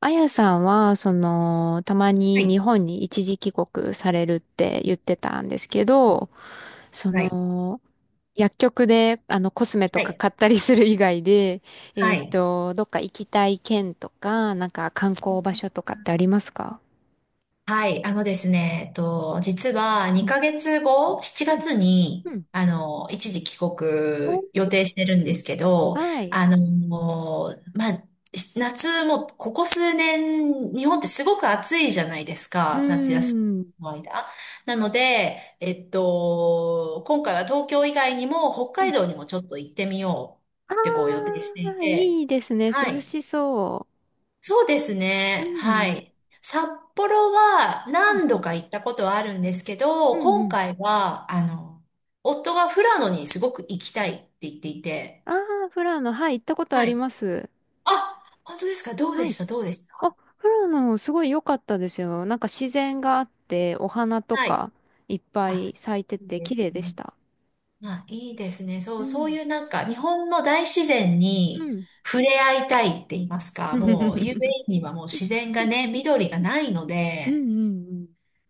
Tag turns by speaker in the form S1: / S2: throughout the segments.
S1: あやさんは、たま
S2: は
S1: に
S2: い。
S1: 日本に一時帰国されるって言ってたんですけど、そ
S2: はい。
S1: の、薬局で、コスメと
S2: は
S1: か
S2: い。
S1: 買ったりする以外で、
S2: はい。
S1: どっか行きたい県とか、なんか観光場所とかってありますか？
S2: はい、あのですね、実は
S1: うん。
S2: 2ヶ月後、7
S1: うん。
S2: 月
S1: う
S2: に、
S1: ん。
S2: 一時帰
S1: おー。
S2: 国予定してるんですけど、
S1: はい。
S2: まあ、夏も、ここ数年、日本ってすごく暑いじゃないです
S1: う
S2: か、夏休
S1: ーん。
S2: みの間。なので、今回は東京以外にも北
S1: は
S2: 海
S1: い。
S2: 道にもちょっと行ってみようってこう予
S1: あ
S2: 定してい
S1: あ、い
S2: て、
S1: いですね。涼
S2: はい。
S1: しそ
S2: そうです
S1: う。う
S2: ね。は
S1: ん。
S2: い。札幌は
S1: うん。
S2: 何度か行ったことはあるんですけど、
S1: うんう
S2: 今
S1: ん。
S2: 回は、夫が富良野にすごく行きたいって言っていて。
S1: ああ、フラノ、はい、行ったことあ
S2: は
S1: り
S2: い。
S1: ます。
S2: あ、本当ですか？どう
S1: は
S2: でし
S1: い。
S2: た？どうでし
S1: あ、
S2: た？
S1: 富良野すごい良かったですよ。なんか自然があって、お花と
S2: はい。
S1: かいっぱ
S2: あ、
S1: い咲いて
S2: いい
S1: て
S2: で
S1: 綺
S2: す
S1: 麗でし
S2: ね。
S1: た。
S2: まあ、いいですね。そ
S1: う
S2: う、そう
S1: ん。
S2: いうなんか、日本の大自然
S1: う
S2: に
S1: ん。
S2: 触れ合いたいって言いますか、もう有名 にはもう自然がね、緑がないの
S1: うんう
S2: で、
S1: んうん。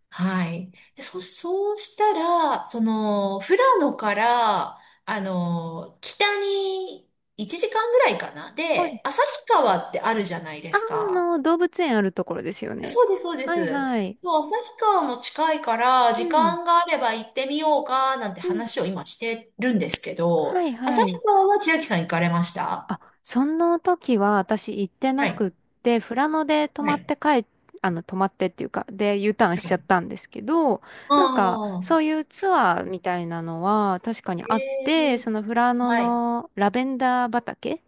S2: はい。で、そうしたら、その、富良野から、北に1時間ぐらいかな。
S1: はい。
S2: で、旭川ってあるじゃないで
S1: あー、
S2: す
S1: あ
S2: か。
S1: 動物園あるところですよね。
S2: そうです、そうで
S1: はい
S2: す。
S1: はい。
S2: そう、旭川も近いから、
S1: う
S2: 時
S1: ん。
S2: 間があれば行ってみようか、なんて
S1: うん。
S2: 話を今してるんですけ
S1: は
S2: ど、
S1: いは
S2: 旭
S1: い。
S2: 川は千秋さん行かれました？
S1: あ、その時は私行って
S2: は
S1: なくっ
S2: い、
S1: て、富良野で泊
S2: は
S1: まって
S2: い、
S1: 帰っ、泊まってっていうか、で、U ターン
S2: は
S1: しちゃっ
S2: い。
S1: たんですけど、
S2: あ
S1: なんか、そう
S2: あ、
S1: いうツアーみたいなのは確かに
S2: へ
S1: あって、
S2: え、
S1: その富良野
S2: はい、
S1: のラベンダー畑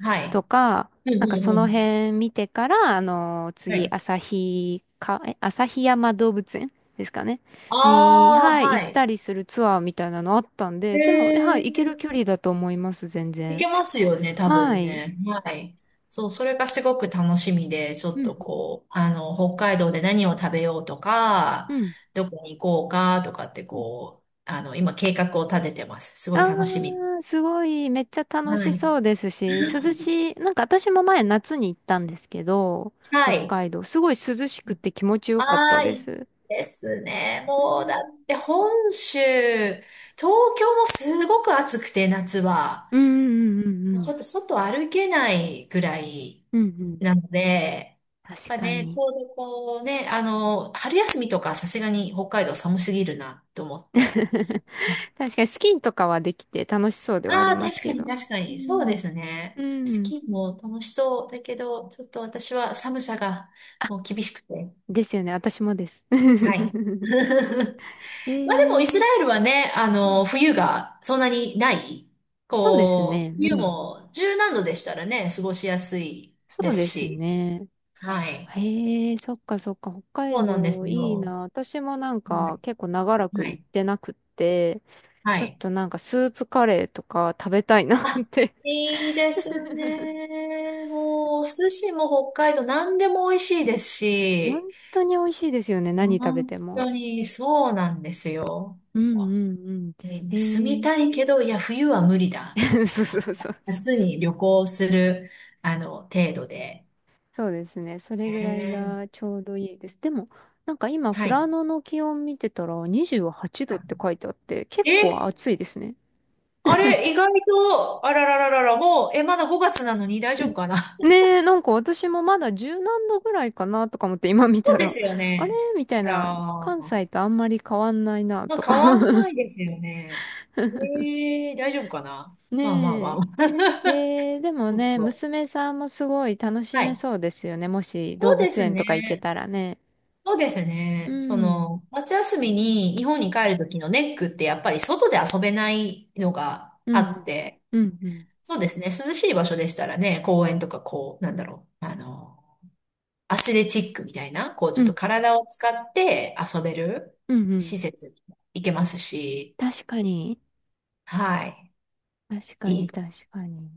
S2: は
S1: と
S2: い。
S1: か、
S2: うん、
S1: なんか
S2: う
S1: そ
S2: ん、う
S1: の
S2: ん。
S1: 辺見てから、
S2: は
S1: 次、
S2: い。
S1: 旭か、え、旭山動物園ですかね。に、
S2: ああ、
S1: はい、
S2: は
S1: 行っ
S2: い。
S1: たりするツアーみたいなのあったんで、でも、はい、行ける
S2: え
S1: 距
S2: え、
S1: 離だと思います、全
S2: い
S1: 然。
S2: けますよね、多
S1: は
S2: 分
S1: い。
S2: ね。はい。そう、それがすごく楽しみで、ちょ
S1: う
S2: っと
S1: ん、
S2: こう、北海道で何を食べようとか、
S1: うん。
S2: どこに行こうかとかって
S1: うん。
S2: こう、今計画を立ててます。すご
S1: あ
S2: い楽しみ。
S1: ー、すごい、めっちゃ楽
S2: は
S1: し
S2: い。
S1: そうですし、涼しい、なんか私も前夏に行ったんですけど、
S2: は
S1: 北
S2: い。
S1: 海道、すごい涼しくて気持ちよかっ
S2: あ
S1: た
S2: あ、
S1: で
S2: いい
S1: す。
S2: ですね。もう、だって本州、東京もすごく暑くて、夏は。
S1: うん、うん、うん、う
S2: もうち
S1: ん。
S2: ょっと外歩けないぐらい
S1: うん、うん。
S2: なので、
S1: 確
S2: まあ
S1: か
S2: ね、ち
S1: に。
S2: ょうどこうね、春休みとかさすがに北海道寒すぎるなと思って。
S1: 確かにスキーとかはできて楽しそうではあ
S2: あ
S1: り
S2: あ、
S1: ます
S2: 確か
S1: け
S2: に
S1: ど。
S2: 確か
S1: う
S2: に。そう
S1: ん、
S2: ですね。
S1: う
S2: ス
S1: ん。
S2: キーも楽しそうだけど、ちょっと私は寒さが
S1: あ、
S2: もう厳しくて。
S1: ですよね、私もです。
S2: はい。
S1: え
S2: まあでもイス
S1: ー、
S2: ラエルはね、
S1: うん、
S2: 冬がそんなにない。
S1: そうです
S2: こ
S1: ね、
S2: う、
S1: う
S2: 冬
S1: ん。
S2: も十何度でしたらね、過ごしやすい
S1: そ
S2: で
S1: う
S2: す
S1: です
S2: し。
S1: ね。
S2: はい。
S1: へえ、そっかそっか、北
S2: そ
S1: 海
S2: うなんで
S1: 道
S2: す
S1: いい
S2: よ。
S1: な。私もなん
S2: は
S1: か
S2: い。
S1: 結構長ら
S2: は
S1: く行っ
S2: い。
S1: てなくって、
S2: は
S1: ちょっ
S2: い。
S1: となんかスープカレーとか食べたいなっ
S2: あ、
S1: て。
S2: いいですね。もう、お寿司も北海道何でも美味しいです
S1: 本
S2: し、
S1: 当に美味しいですよね、何食べ
S2: 本
S1: ても。
S2: 当にそうなんですよ。
S1: うんうんうん。
S2: ね、
S1: え
S2: 住み
S1: ー、
S2: たいけど、いや、冬は無理だと思 っ
S1: そ
S2: て
S1: う
S2: ま
S1: そう
S2: す。
S1: そうそ
S2: 夏に
S1: う。
S2: 旅行する、程度で。
S1: そうですね、それぐらい
S2: ね、
S1: がちょうどいいです。でも、なんか今、
S2: は
S1: 富良
S2: い。
S1: 野の気温見てたら28度って
S2: は
S1: 書いてあって、結
S2: い、
S1: 構
S2: え、
S1: 暑いですね。
S2: あれ、意外と、あららららら、もう、え、まだ5月なのに大丈夫かな。
S1: ねえ、なんか私もまだ十何度ぐらいかなとか思って今見
S2: そ
S1: た
S2: うで
S1: ら、
S2: すよ
S1: あれ
S2: ね。
S1: みた
S2: あ
S1: いな、
S2: ら
S1: 関
S2: ー。
S1: 西とあんまり変わんないな
S2: まあ、
S1: とか。
S2: 変わんないですよね。ええ、大丈夫かな。 まあまあま
S1: ね
S2: あ
S1: え。
S2: まあ。
S1: えー、でも
S2: ちょっ
S1: ね、
S2: と。
S1: 娘さんもすごい楽し
S2: は
S1: め
S2: い。
S1: そうですよね。もし
S2: そ
S1: 動
S2: うで
S1: 物
S2: す
S1: 園とか行け
S2: ね。
S1: たらね。
S2: そうです
S1: う
S2: ね。そ
S1: ん。
S2: の、夏休みに日本に帰るときのネックってやっぱり外で遊べないのが
S1: う
S2: あっ
S1: ん。
S2: て、
S1: うん。うん。
S2: そうですね。涼しい場所でしたらね、公園とかこう、なんだろう。アスレチックみたいな、こうち
S1: う
S2: ょっと
S1: ん。
S2: 体を使って遊べる
S1: うんう
S2: 施
S1: ん。
S2: 設行けますし、
S1: 確かに。
S2: はい。
S1: 確か
S2: い
S1: に、
S2: い。
S1: 確かに。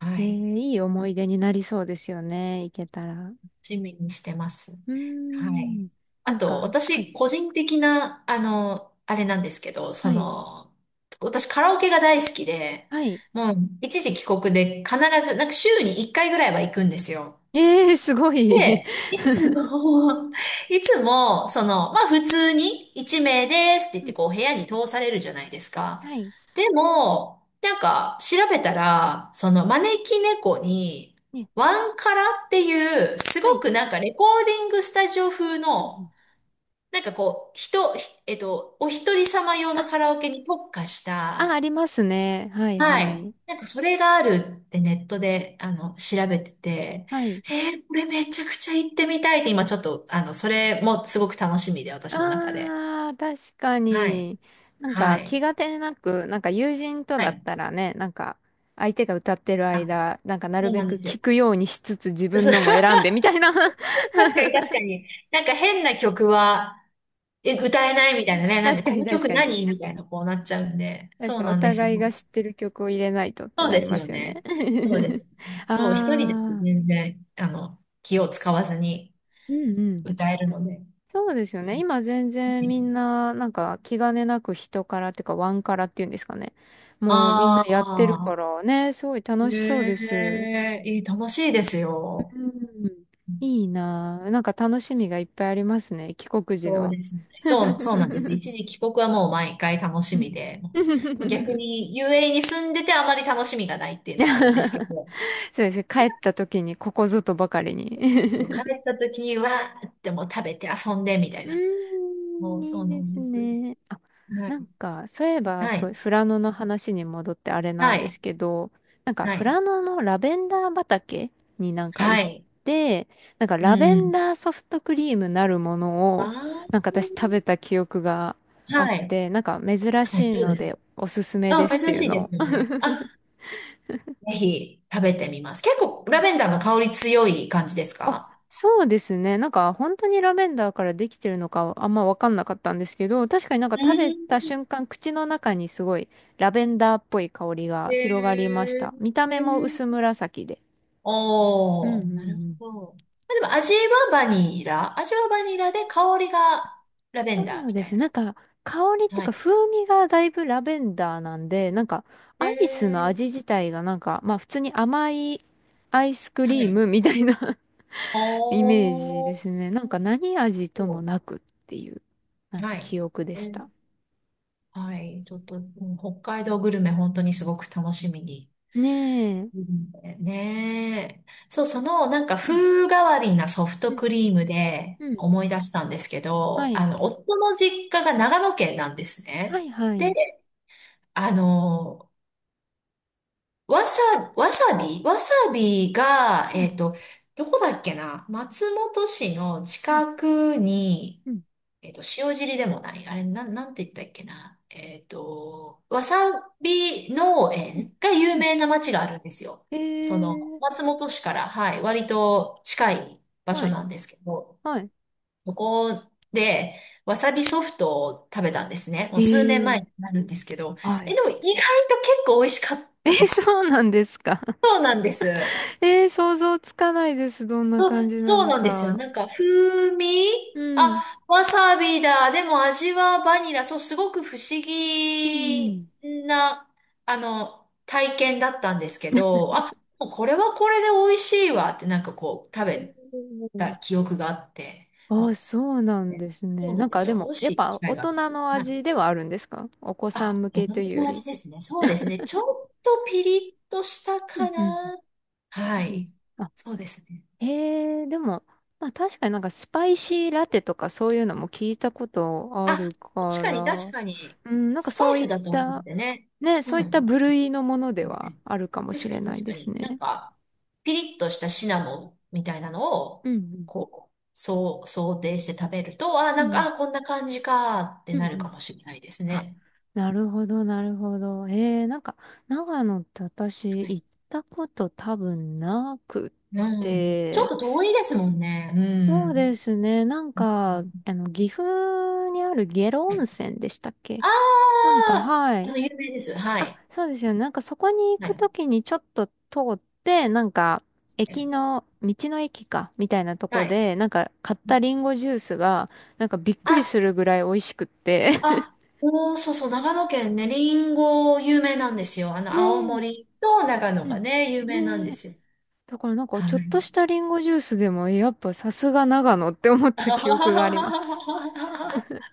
S2: は
S1: えー、
S2: い。
S1: いい思い出になりそうですよね。行けたら。う
S2: 趣味にしてます。
S1: ー
S2: はい。
S1: ん。
S2: あと、
S1: はい。
S2: 私、個人的な、あれなんですけど、
S1: はい。
S2: 私、カラオケが大好きで、
S1: はい。
S2: もう、一時帰国で必ず、なんか週に1回ぐらいは行くんですよ。
S1: ええ、すごい。
S2: で、いつも、いつも、まあ普通に一名ですって言っ
S1: う
S2: て
S1: ん、
S2: こう部屋に通されるじゃないですか。
S1: はい。
S2: でも、なんか調べたら、その招き猫に、
S1: ね、
S2: ワンカラっていう、すご
S1: はい。
S2: くなんかレコーディングスタジオ風
S1: うんう
S2: の、
S1: ん。
S2: なんかこう、人、ひえっと、お一人様用の
S1: あ、
S2: カラオケに特化し
S1: あ、あ
S2: た、
S1: りますね。はい
S2: は
S1: は
S2: い。
S1: い。
S2: なんかそれがあるってネットで、調べてて、
S1: はい。
S2: これめちゃくちゃ行ってみたいって今ちょっと、それもすごく楽しみで、私の中で。
S1: ああ、確か
S2: はい。
S1: に。なん
S2: は
S1: か
S2: い。
S1: 気がてなく、なんか友人と
S2: は
S1: だっ
S2: い。
S1: たらね、なんか相手が歌ってる
S2: あ、
S1: 間、なんかな
S2: そ
S1: る
S2: う
S1: べ
S2: なんで
S1: く
S2: すよ。
S1: 聞くようにしつつ自分
S2: そう。
S1: のも 選んでみたいな。
S2: 確かに確かに。なんか変な曲は、え、
S1: あ、
S2: 歌えないみたいなね。なん
S1: 確
S2: で、
S1: か
S2: こ
S1: に
S2: の
S1: 確
S2: 曲
S1: かに。
S2: 何みたいな、こうなっちゃうんで。
S1: 確
S2: そ
S1: か
S2: う
S1: に
S2: な
S1: お
S2: んです
S1: 互い
S2: よ。
S1: が知ってる曲を入れないとって
S2: そう
S1: な
S2: で
S1: り
S2: す
S1: ま
S2: よ
S1: すよね。
S2: ね。そうです よね。そう、一人で
S1: あ
S2: 全
S1: あ。
S2: 然、気を使わずに
S1: うんうん。
S2: 歌えるので。
S1: そうですよ
S2: そ
S1: ね。
S2: う、
S1: 今全然みんな、なんか気兼ねなく人からっていうか、ワンからっていうんですかね。もうみんな
S2: あ
S1: やってるか
S2: あ、
S1: らね、すごい楽しそうで
S2: ね
S1: す。
S2: え、いい、楽しいです
S1: う
S2: よ。
S1: ん。いいなぁ。なんか楽しみがいっぱいありますね。帰国時
S2: そう
S1: の。
S2: ですね。そう、そうなんです。一時帰国はもう毎回楽し
S1: う
S2: み
S1: ん。
S2: で、
S1: そ
S2: もう逆に遊 a に住んでてあまり楽しみがないっていうのはあるんですけど、
S1: うですね。帰った時にここぞとばかりに。
S2: 帰 った時にわーってもう食べて遊んでみた
S1: う
S2: い
S1: ー
S2: な。もう
S1: ん、
S2: そ
S1: い
S2: う
S1: い
S2: な
S1: で
S2: ん
S1: す
S2: です。
S1: ね。あ、
S2: は
S1: なん
S2: い。
S1: か、そういえば、
S2: は
S1: すご
S2: い。
S1: い、富良野の話に戻ってあれな
S2: は
S1: んで
S2: い。
S1: すけど、なんか、
S2: は
S1: 富
S2: い。
S1: 良野のラベンダー畑になんか行
S2: は
S1: っ
S2: い。
S1: て、なんか、
S2: う
S1: ラベン
S2: ん。
S1: ダーソフトクリームなるもの
S2: あ
S1: を、
S2: あ、
S1: なんか私食べた記憶があっ
S2: はい。
S1: て、なんか、珍し
S2: はい。
S1: い
S2: どう
S1: の
S2: で
S1: で、
S2: す？
S1: おすすめ
S2: あ、
S1: ですって
S2: 珍
S1: いう
S2: しいで
S1: のを。
S2: すよ ね。あ、ぜひ食べてみます。結構ラベンダーの香り強い感じです
S1: あ、
S2: か？
S1: そうですね。なんか本当にラベンダーからできてるのかあんまわかんなかったんですけど、確かになん
S2: う
S1: か食べた
S2: ん。
S1: 瞬間、口の中にすごいラベンダーっぽい香りが
S2: へ
S1: 広がりまし
S2: ー、
S1: た。見た目も薄紫で。うんうん
S2: お
S1: う
S2: ー、なる
S1: ん。
S2: ほど。まあでも味はバニラ、味はバニラで香りがラベンダー
S1: そう
S2: み
S1: で
S2: た
S1: すね。なん
S2: い
S1: か香りっ
S2: な。
S1: ていう
S2: は
S1: か
S2: い。
S1: 風味がだいぶラベンダーなんで、なんか
S2: へ
S1: アイスの
S2: ー、
S1: 味自体がなんかまあ普通に甘いアイスク
S2: は
S1: リー
S2: い。
S1: ムみたいな、
S2: お
S1: イメージで
S2: ー、
S1: すね。なんか何味ともなくっていう、なんか
S2: はい。
S1: 記憶で
S2: え
S1: した。
S2: ーはい。ちょっと、うん、北海道グルメ本当にすごく楽しみに。
S1: ね
S2: う
S1: え。
S2: ん、ねえ。そう、なんか
S1: うん、
S2: 風変わりなソフト
S1: うん、
S2: クリームで
S1: うん。
S2: 思い出したんですけ
S1: は
S2: ど、
S1: い。
S2: 夫の実家が長野県なんです
S1: は
S2: ね。
S1: い、は
S2: で、
S1: い。
S2: あの、わさ、わさびが、
S1: うん、
S2: どこだっけな、松本市の
S1: うん、
S2: 近くに、
S1: うん、
S2: 塩尻でもない。あれ、なんて言ったっけな。わさび農
S1: うん。
S2: 園が有
S1: うん。
S2: 名な町があるんですよ。
S1: え
S2: その、
S1: ー。
S2: 松本市から、はい、割と近い場
S1: は
S2: 所
S1: い、
S2: なんですけど、
S1: はい。
S2: そこで、わさびソフトを食べたんですね。も
S1: え
S2: う数年前に
S1: ー。
S2: なるんですけど、
S1: は
S2: え、
S1: い。
S2: でも意外と結構美味しかっ
S1: え
S2: たで
S1: ー、
S2: す。
S1: そうなんですか。
S2: そうなんです。
S1: えー、想像つかないです。どんな感じな
S2: そう
S1: の
S2: なんですよ。
S1: か。
S2: なんか、風味、
S1: うん、
S2: あ、わさびだ。でも味はバニラ。そう、すごく不思
S1: う
S2: 議
S1: ん、
S2: な、体験だったんですけど、あ、もうこれはこれで美味しいわって、なんかこう、食べ
S1: う
S2: た
S1: ん。
S2: 記憶があって、
S1: あ
S2: ま
S1: あ、
S2: あ、
S1: そうなんです
S2: そ
S1: ね。
S2: うな
S1: な
S2: ん
S1: ん
S2: で
S1: か
S2: す
S1: で
S2: よ。
S1: も、
S2: も
S1: やっ
S2: し機
S1: ぱ
S2: 会
S1: 大
S2: が。
S1: 人の
S2: はい。
S1: 味ではあるんですか？お子さん
S2: あ、
S1: 向
S2: 大
S1: けと
S2: 人
S1: いうよ
S2: の
S1: り。
S2: 味ですね。そうですね。ちょっとピリッとした
S1: うん
S2: か
S1: うん
S2: な。は
S1: うん。
S2: い。そうですね。
S1: へえ、でも、まあ確かになんかスパイシーラテとかそういうのも聞いたことあ
S2: あ、
S1: る
S2: 確
S1: か
S2: かに
S1: ら、
S2: 確かに、
S1: うん、なんか
S2: スパ
S1: そ
S2: イ
S1: うい
S2: ス
S1: っ
S2: だと思っ
S1: た、
S2: てね。
S1: ね、そう
S2: う
S1: いった
S2: ん。
S1: 部類のものではあるかも
S2: 確
S1: し
S2: か
S1: れ
S2: に
S1: ない
S2: 確
S1: で
S2: か
S1: す
S2: に。なん
S1: ね。
S2: か、ピリッとしたシナモンみたいなの
S1: う
S2: を、
S1: ん
S2: こう、そう、想定して食べると、あ、
S1: う
S2: な
S1: ん。う
S2: んか、
S1: ん
S2: あ、こんな感じかって
S1: うん。う
S2: な
S1: んう
S2: るか
S1: ん。
S2: もしれないです
S1: あ、
S2: ね。
S1: なるほど、なるほど。えー、なんか、長野って私
S2: は
S1: 行
S2: い。
S1: ったこと多分なくっ
S2: うん。ちょっ
S1: て、
S2: と遠いですもんね。う
S1: そう
S2: ん。
S1: ですね、なんか、岐阜にある下呂
S2: は
S1: 温
S2: い、
S1: 泉でしたっけ？
S2: あ
S1: なんか、
S2: あ
S1: は
S2: ー、
S1: い。
S2: 有名です。は
S1: あ、
S2: い。
S1: そうですよね。なんかそこに行
S2: は
S1: く
S2: い。
S1: ときにちょっと通って、なんか駅の、道の駅か、みたいなとこ
S2: はい。
S1: で、なんか買ったリンゴジュースが、なんかびっくり
S2: あ
S1: するぐらい美味しくって。
S2: あ、おー、そうそう、長野県ね、りんご有名なんですよ。
S1: ね
S2: 青
S1: え。
S2: 森と長野
S1: うん。
S2: がね、有名なん
S1: ね
S2: で
S1: え。
S2: すよ。
S1: だからなんか
S2: は
S1: ちょっ
S2: い。
S1: としたリンゴジュースでも、やっぱさすが長野って思った記憶があります。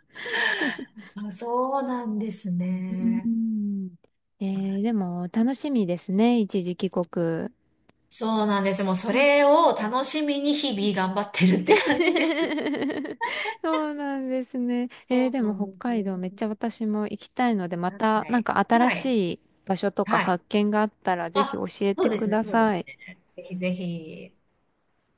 S2: あ、そうなんです
S1: う
S2: ね。
S1: ん。えー、でも楽しみですね。一時帰国。
S2: そうなんです。もうそ
S1: うん。
S2: れを楽しみに日々頑張ってるって感じです。
S1: そうなんですね。えー
S2: そ
S1: で
S2: うな
S1: も
S2: ん
S1: 北
S2: です
S1: 海
S2: ね。
S1: 道めっちゃ私も行きたいので、ま
S2: は
S1: たなん
S2: い。
S1: か新
S2: は
S1: し
S2: い。
S1: い場所とか
S2: はい。
S1: 発見があったらぜひ教
S2: あ、
S1: え
S2: そ
S1: て
S2: うで
S1: く
S2: すね、
S1: だ
S2: そうで
S1: さ
S2: す
S1: い。
S2: ね。ぜひぜひ。